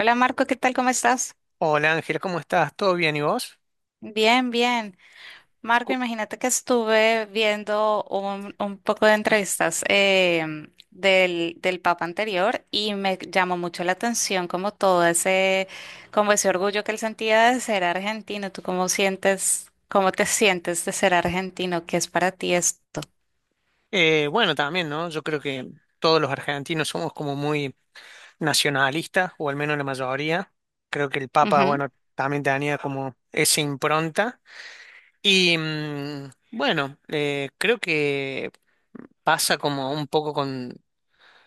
Hola Marco, ¿qué tal? ¿Cómo estás? Hola Ángel, ¿cómo estás? ¿Todo bien y vos? Bien, bien. Marco, Cu- imagínate que estuve viendo un poco de entrevistas del Papa anterior y me llamó mucho la atención como todo como ese orgullo que él sentía de ser argentino. ¿Tú cómo te sientes de ser argentino? ¿Qué es para ti esto? Bueno, también, ¿no? Yo creo que todos los argentinos somos como muy nacionalistas, o al menos la mayoría. Creo que el Papa, Ujú. bueno, también tenía como esa impronta. Bueno, creo que pasa como un poco con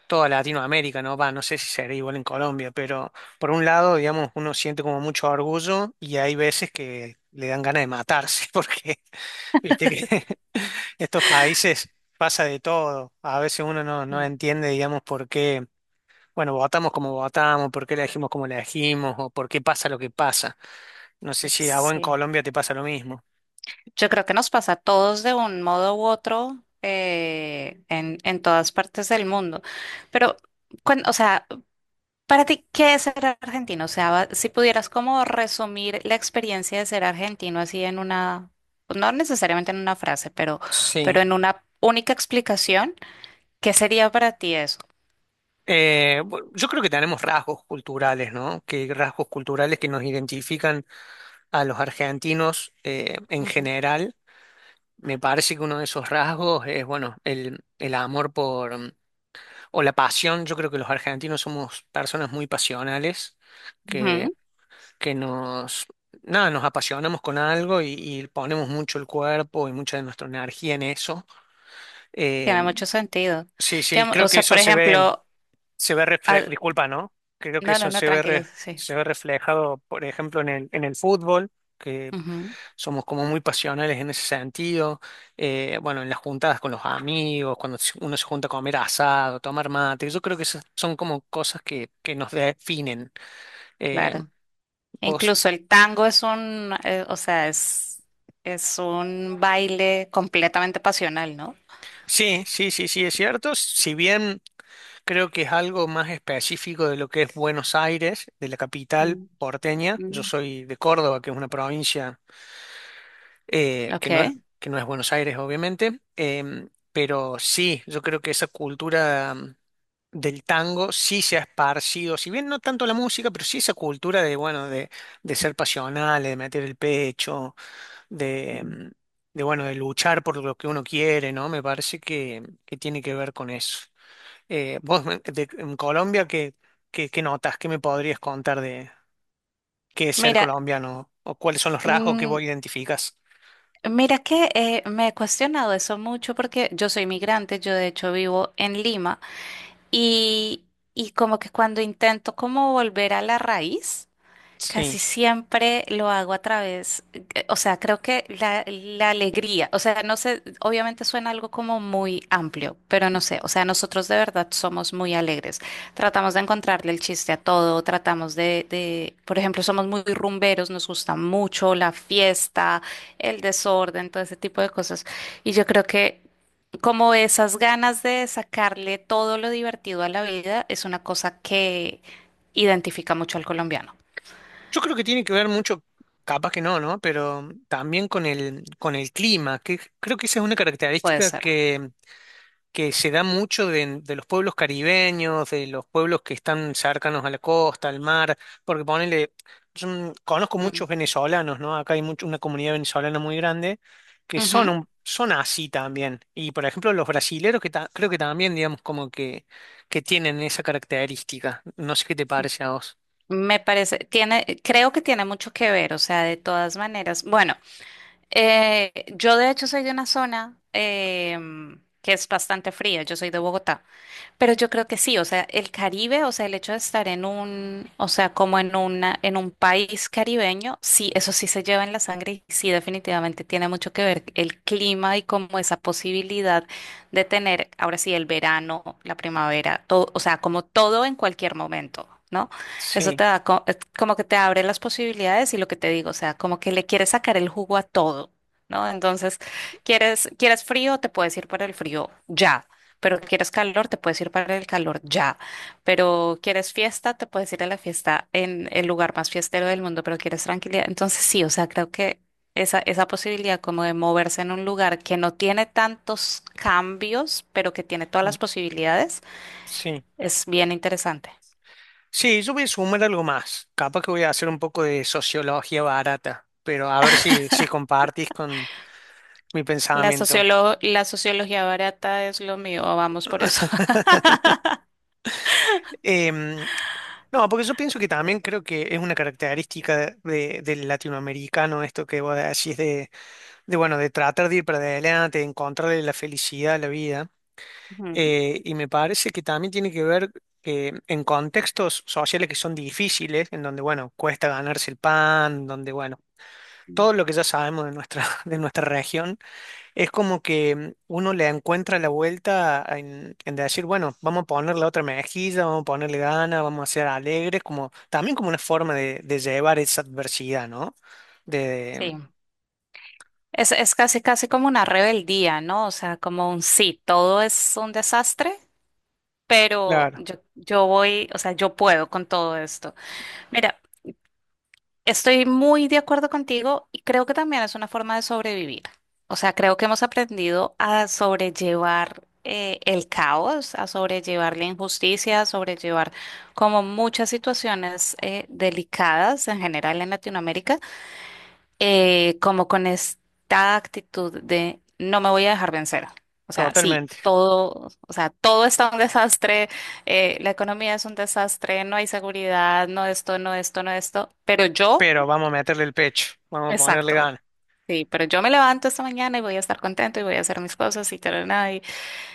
toda Latinoamérica, ¿no? Va, no sé si será igual en Colombia, pero por un lado, digamos, uno siente como mucho orgullo y hay veces que le dan ganas de matarse porque viste que estos países pasa de todo. A veces uno no Mm. entiende, digamos, por qué, bueno, votamos como votamos, por qué elegimos como elegimos, o por qué pasa lo que pasa. No sé si a vos en Sí. Colombia te pasa lo mismo. Yo creo que nos pasa a todos de un modo u otro en todas partes del mundo. Pero, o sea, para ti, ¿qué es ser argentino? O sea, si pudieras como resumir la experiencia de ser argentino así en una, no necesariamente en una frase, pero Sí. en una única explicación, ¿qué sería para ti eso? Yo creo que tenemos rasgos culturales, ¿no? Que rasgos culturales que nos identifican a los argentinos en Ujú. general. Me parece que uno de esos rasgos es, bueno, el amor o la pasión, yo creo que los argentinos somos personas muy pasionales, que, Ujú. que nos, nada, nos apasionamos con algo y ponemos mucho el cuerpo y mucha de nuestra energía en eso. Eh, Tiene mucho sentido. sí, sí, O creo que sea, por eso se ve, ejemplo. Ah, disculpa, ¿no? Creo que no, no, eso no, se ve, tranquilo, sí. se ve reflejado, por ejemplo, en el fútbol. Ujú, Somos como muy pasionales en ese sentido. Bueno, en las juntadas con los amigos, uno se junta a comer asado, tomar mate, yo creo que esas son como cosas que nos definen. Eh, claro. vos- Incluso el tango es o sea, es un baile completamente pasional, ¿no? sí, sí, sí, sí, es cierto. Si bien creo que es algo más específico de lo que es Buenos Aires, de la capital Mm. porteña, yo Mm. soy de Córdoba, que es una provincia. eh, Ok. que no es, que no es Buenos Aires, obviamente, pero sí, yo creo que esa cultura, del tango sí se ha esparcido, si bien no tanto la música, pero sí esa cultura de, bueno, de ser pasional, de meter el pecho, de, Mm. mm, de, bueno, de luchar por lo que uno quiere, ¿no? Me parece que tiene que ver con eso. Vos, en Colombia, ¿qué, qué, qué notas? ¿Qué me podrías contar de qué es ser Mira, colombiano? ¿O cuáles son los rasgos que mm, vos identificas? mira que me he cuestionado eso mucho porque yo soy migrante, yo de hecho vivo en Lima y, y como que cuando intento como volver a la raíz. Casi siempre lo hago a través, o sea, creo que la alegría, o sea, no sé, obviamente suena algo como muy amplio, pero no sé, o sea, nosotros de verdad somos muy alegres. Tratamos de encontrarle el chiste a todo, tratamos por ejemplo, somos muy rumberos, nos gusta mucho la fiesta, el desorden, todo ese tipo de cosas. Y yo creo que como esas ganas de sacarle todo lo divertido a la vida es una cosa que identifica mucho al colombiano. Yo creo que tiene que ver mucho, capaz que no, ¿no? Pero también con el clima, que creo que esa es una Puede característica ser. Que se da mucho de los pueblos caribeños, de los pueblos que están cercanos a la costa, al mar, porque ponele, conozco Mm. muchos venezolanos, ¿no? Acá hay mucho, una comunidad venezolana muy grande que son, Ujú. Son así también. Y por ejemplo, los brasileros creo que también, digamos, como que tienen esa característica. No sé qué te parece a vos. Me parece, creo que tiene mucho que ver, o sea, de todas maneras. Bueno, yo de hecho soy de una zona que es bastante fría, yo soy de Bogotá, pero yo creo que sí, o sea, el Caribe, o sea, el hecho de estar o sea, como en un país caribeño, sí, eso sí se lleva en la sangre y sí, definitivamente tiene mucho que ver el clima y como esa posibilidad de tener, ahora sí, el verano, la primavera, todo, o sea, como todo en cualquier momento, ¿no? Eso Sí. te da es como que te abre las posibilidades y lo que te digo, o sea, como que le quieres sacar el jugo a todo, ¿no? Entonces, quieres frío, te puedes ir para el frío ya, pero quieres calor, te puedes ir para el calor ya, pero quieres fiesta, te puedes ir a la fiesta en el lugar más fiestero del mundo, pero quieres tranquilidad. Entonces, sí, o sea, creo que esa posibilidad como de moverse en un lugar que no tiene tantos cambios, pero que tiene todas las posibilidades, Sí. es bien interesante. Sí, yo voy a sumar algo más. Capaz que voy a hacer un poco de sociología barata, pero a ver si, si compartís con mi pensamiento. La sociología barata es lo mío, vamos por eso. Em, no, porque yo pienso que también creo que es una característica del latinoamericano esto que vos decís de, bueno, de tratar de ir para adelante, de encontrarle la felicidad a la vida. Ujú. Y me parece que también tiene que ver que en contextos sociales que son difíciles, en donde, bueno, cuesta ganarse el pan, donde, bueno, Mm. todo lo que ya sabemos de nuestra, de nuestra región, es como que uno le encuentra la vuelta en decir, bueno, vamos a ponerle otra mejilla, vamos a ponerle ganas, vamos a ser alegres, como, también como una forma de llevar esa adversidad, ¿no? De, Sí. Es casi, casi como una rebeldía, ¿no? O sea, como un sí, todo es un desastre, pero claro, yo voy, o sea, yo puedo con todo esto. Mira, estoy muy de acuerdo contigo y creo que también es una forma de sobrevivir. O sea, creo que hemos aprendido a sobrellevar el caos, a sobrellevar la injusticia, a sobrellevar como muchas situaciones delicadas en general en Latinoamérica, como con esta actitud de no me voy a dejar vencer. O sea, sí. totalmente. Todo, o sea, todo está un desastre, la economía es un desastre, no hay seguridad, no esto, no esto, no esto, pero yo. Pero vamos a meterle el pecho, vamos a ponerle Exacto. ganas. Sí, pero yo me levanto esta mañana y voy a estar contento y voy a hacer mis cosas y tal, nada. Y,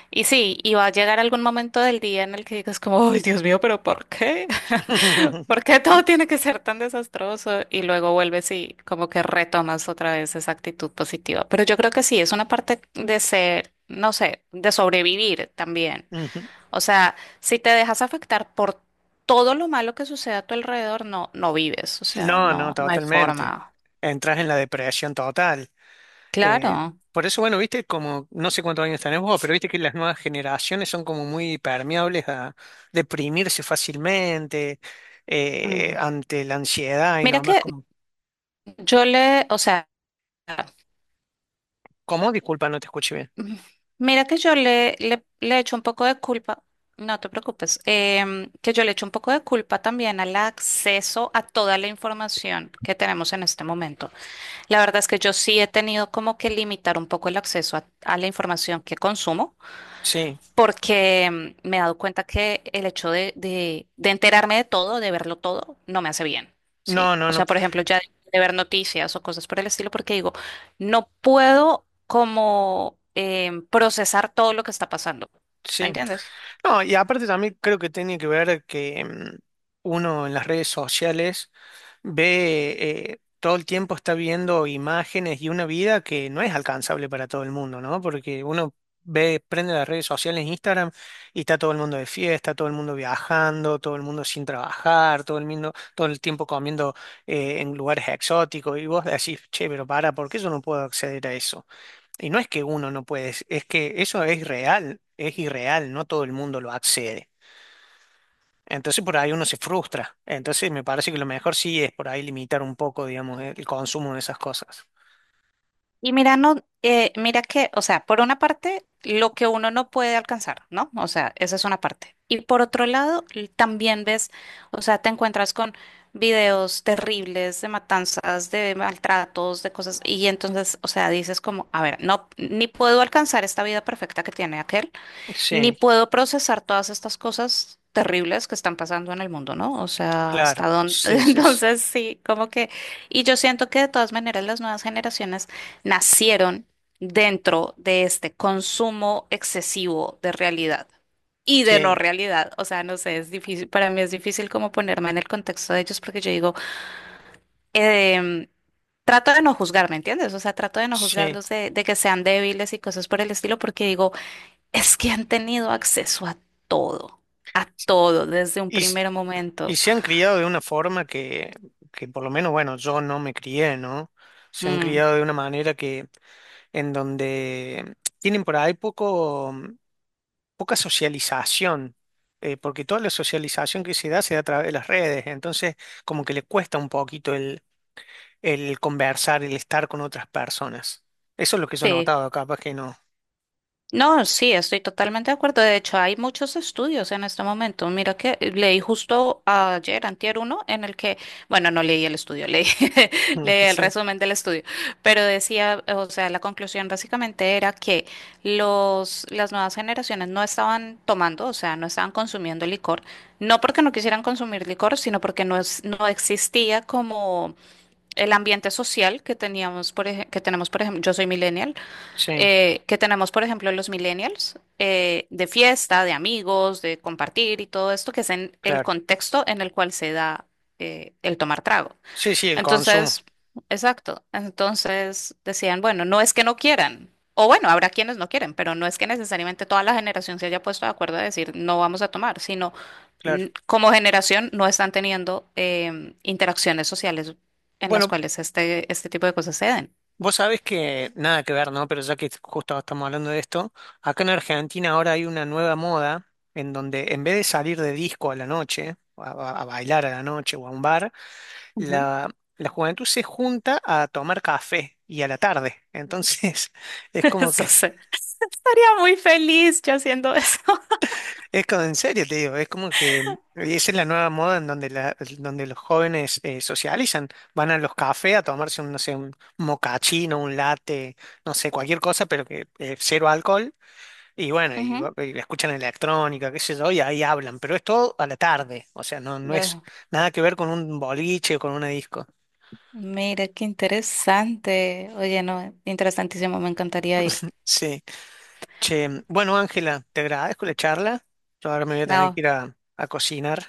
y sí, y va a llegar algún momento del día en el que digas como, ay, Dios mío, pero ¿por qué? ¿Por qué todo tiene que ser tan desastroso? Y luego vuelves y como que retomas otra vez esa actitud positiva. Pero yo creo que sí, es una parte de ser, no sé, de sobrevivir también. Ujú. O sea, si te dejas afectar por todo lo malo que sucede a tu alrededor, no, no vives. O sea, No, no, no, no hay totalmente. forma. Entras en la depresión total. Eh, Claro. por eso, bueno, viste, como no sé cuántos años tenés vos, pero viste que las nuevas generaciones son como muy permeables a deprimirse fácilmente ante la ansiedad y Mira nomás que como, yo le, o sea, ¿cómo? Disculpa, no te escuché bien. mira que yo le echo un poco de culpa, no te preocupes, que yo le echo un poco de culpa también al acceso a toda la información que tenemos en este momento. La verdad es que yo sí he tenido como que limitar un poco el acceso a la información que consumo. Sí, Porque me he dado cuenta que el hecho de enterarme de todo, de verlo todo, no me hace bien, ¿sí? no, no, O no, sea, por ejemplo, ya de ver noticias o cosas por el estilo, porque digo, no puedo como procesar todo lo que está pasando, ¿me sí. entiendes? No, y aparte también creo que tiene que ver que, uno en las redes sociales ve, todo el tiempo está viendo imágenes y una vida que no es alcanzable para todo el mundo, ¿no? Porque uno ve, prende las redes sociales, en Instagram, y está todo el mundo de fiesta, todo el mundo viajando, todo el mundo sin trabajar, todo el mundo, todo el tiempo comiendo en lugares exóticos, y vos decís, che, pero para, ¿por qué yo no puedo acceder a eso? Y no es que uno no puede, es que eso es real, es irreal, no todo el mundo lo accede. Entonces por ahí uno se frustra. Entonces me parece que lo mejor sí es por ahí limitar un poco, digamos, el consumo de esas cosas. Y mira, no, mira que, o sea, por una parte, lo que uno no puede alcanzar, ¿no? O sea, esa es una parte. Y por otro lado, también ves, o sea, te encuentras con videos terribles de matanzas, de maltratos, de cosas, y entonces, o sea, dices como, a ver, no, ni puedo alcanzar esta vida perfecta que tiene aquel, ni Sí, puedo procesar todas estas cosas terribles que están pasando en el mundo, ¿no? O sea, claro, hasta dónde. sí, sí, sí, Entonces, sí, como que. Y yo siento que de todas maneras las nuevas generaciones nacieron dentro de este consumo excesivo de realidad y de no sí. realidad. O sea, no sé, es difícil, para mí es difícil como ponerme en el contexto de ellos porque yo digo, em, trato de no juzgar, ¿me entiendes? O sea, trato de no Sí. juzgarlos de que sean débiles y cosas por el estilo porque digo, es que han tenido acceso todo, a todo desde un Y, s- primer y momento. se han criado de una forma que por lo menos, bueno, yo no me crié, ¿no? Se han Mm, criado de una manera que, en donde tienen por ahí poco. Poca socialización, porque toda la socialización que se da a través de las redes, entonces como que le cuesta un poquito el conversar, el estar con otras personas. Eso es lo que yo he sí. notado, capaz que no. No, sí, estoy totalmente de acuerdo. De hecho, hay muchos estudios en este momento. Mira que leí justo ayer, antier uno, en el que, bueno, no leí el estudio, leí, leí el sí, resumen del estudio, pero decía, o sea, la conclusión básicamente era que las nuevas generaciones no estaban tomando, o sea, no estaban consumiendo licor, no porque no quisieran consumir licor, sino porque no es, no existía como el ambiente social que teníamos, que tenemos, por ejemplo, yo soy millennial sí, que tenemos, por ejemplo, los millennials, de fiesta, de amigos, de compartir y todo esto, que es en el claro. contexto en el cual se da el tomar trago. Sí, sí, el consumo, Entonces, exacto. Entonces decían, bueno, no es que no quieran. O bueno, habrá quienes no quieren, pero no es que necesariamente toda la generación se haya puesto de acuerdo a decir no vamos a tomar, sino claro. como generación no están teniendo interacciones sociales en las Bueno, cuales este tipo de cosas se den. vos sabés que nada que ver, ¿no? Pero ya que justo estamos hablando de esto, acá en Argentina ahora hay una nueva moda en donde en vez de salir de disco a la noche, a bailar a la noche o a un bar, la, la juventud se junta a tomar café y a la tarde. Entonces, es como Eso que, sé. Estaría muy feliz yo haciendo eso. es como en serio, te digo, es como que esa es la nueva moda en donde, la, donde los jóvenes socializan. Van a los cafés a tomarse un, no sé, un mocachino, un latte, no sé, cualquier cosa, pero que cero alcohol. Y bueno, Ujú. Y escuchan electrónica, qué sé yo, y ahí hablan, pero es todo a la tarde. O sea, no, no Ah, es nada que ver con un boliche o con una disco. mira, qué interesante. Oye, no, interesantísimo, me encantaría ir. Sí. Che, bueno, Ángela, te agradezco la charla. Yo ahora me voy a tener que No, ir a cocinar,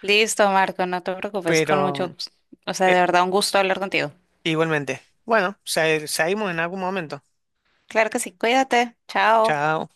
listo, Marco, no te preocupes, pero o sea, de eh, verdad, un gusto hablar contigo. igualmente. Bueno, seguimos en algún momento. Claro que sí, cuídate, chao. Chao.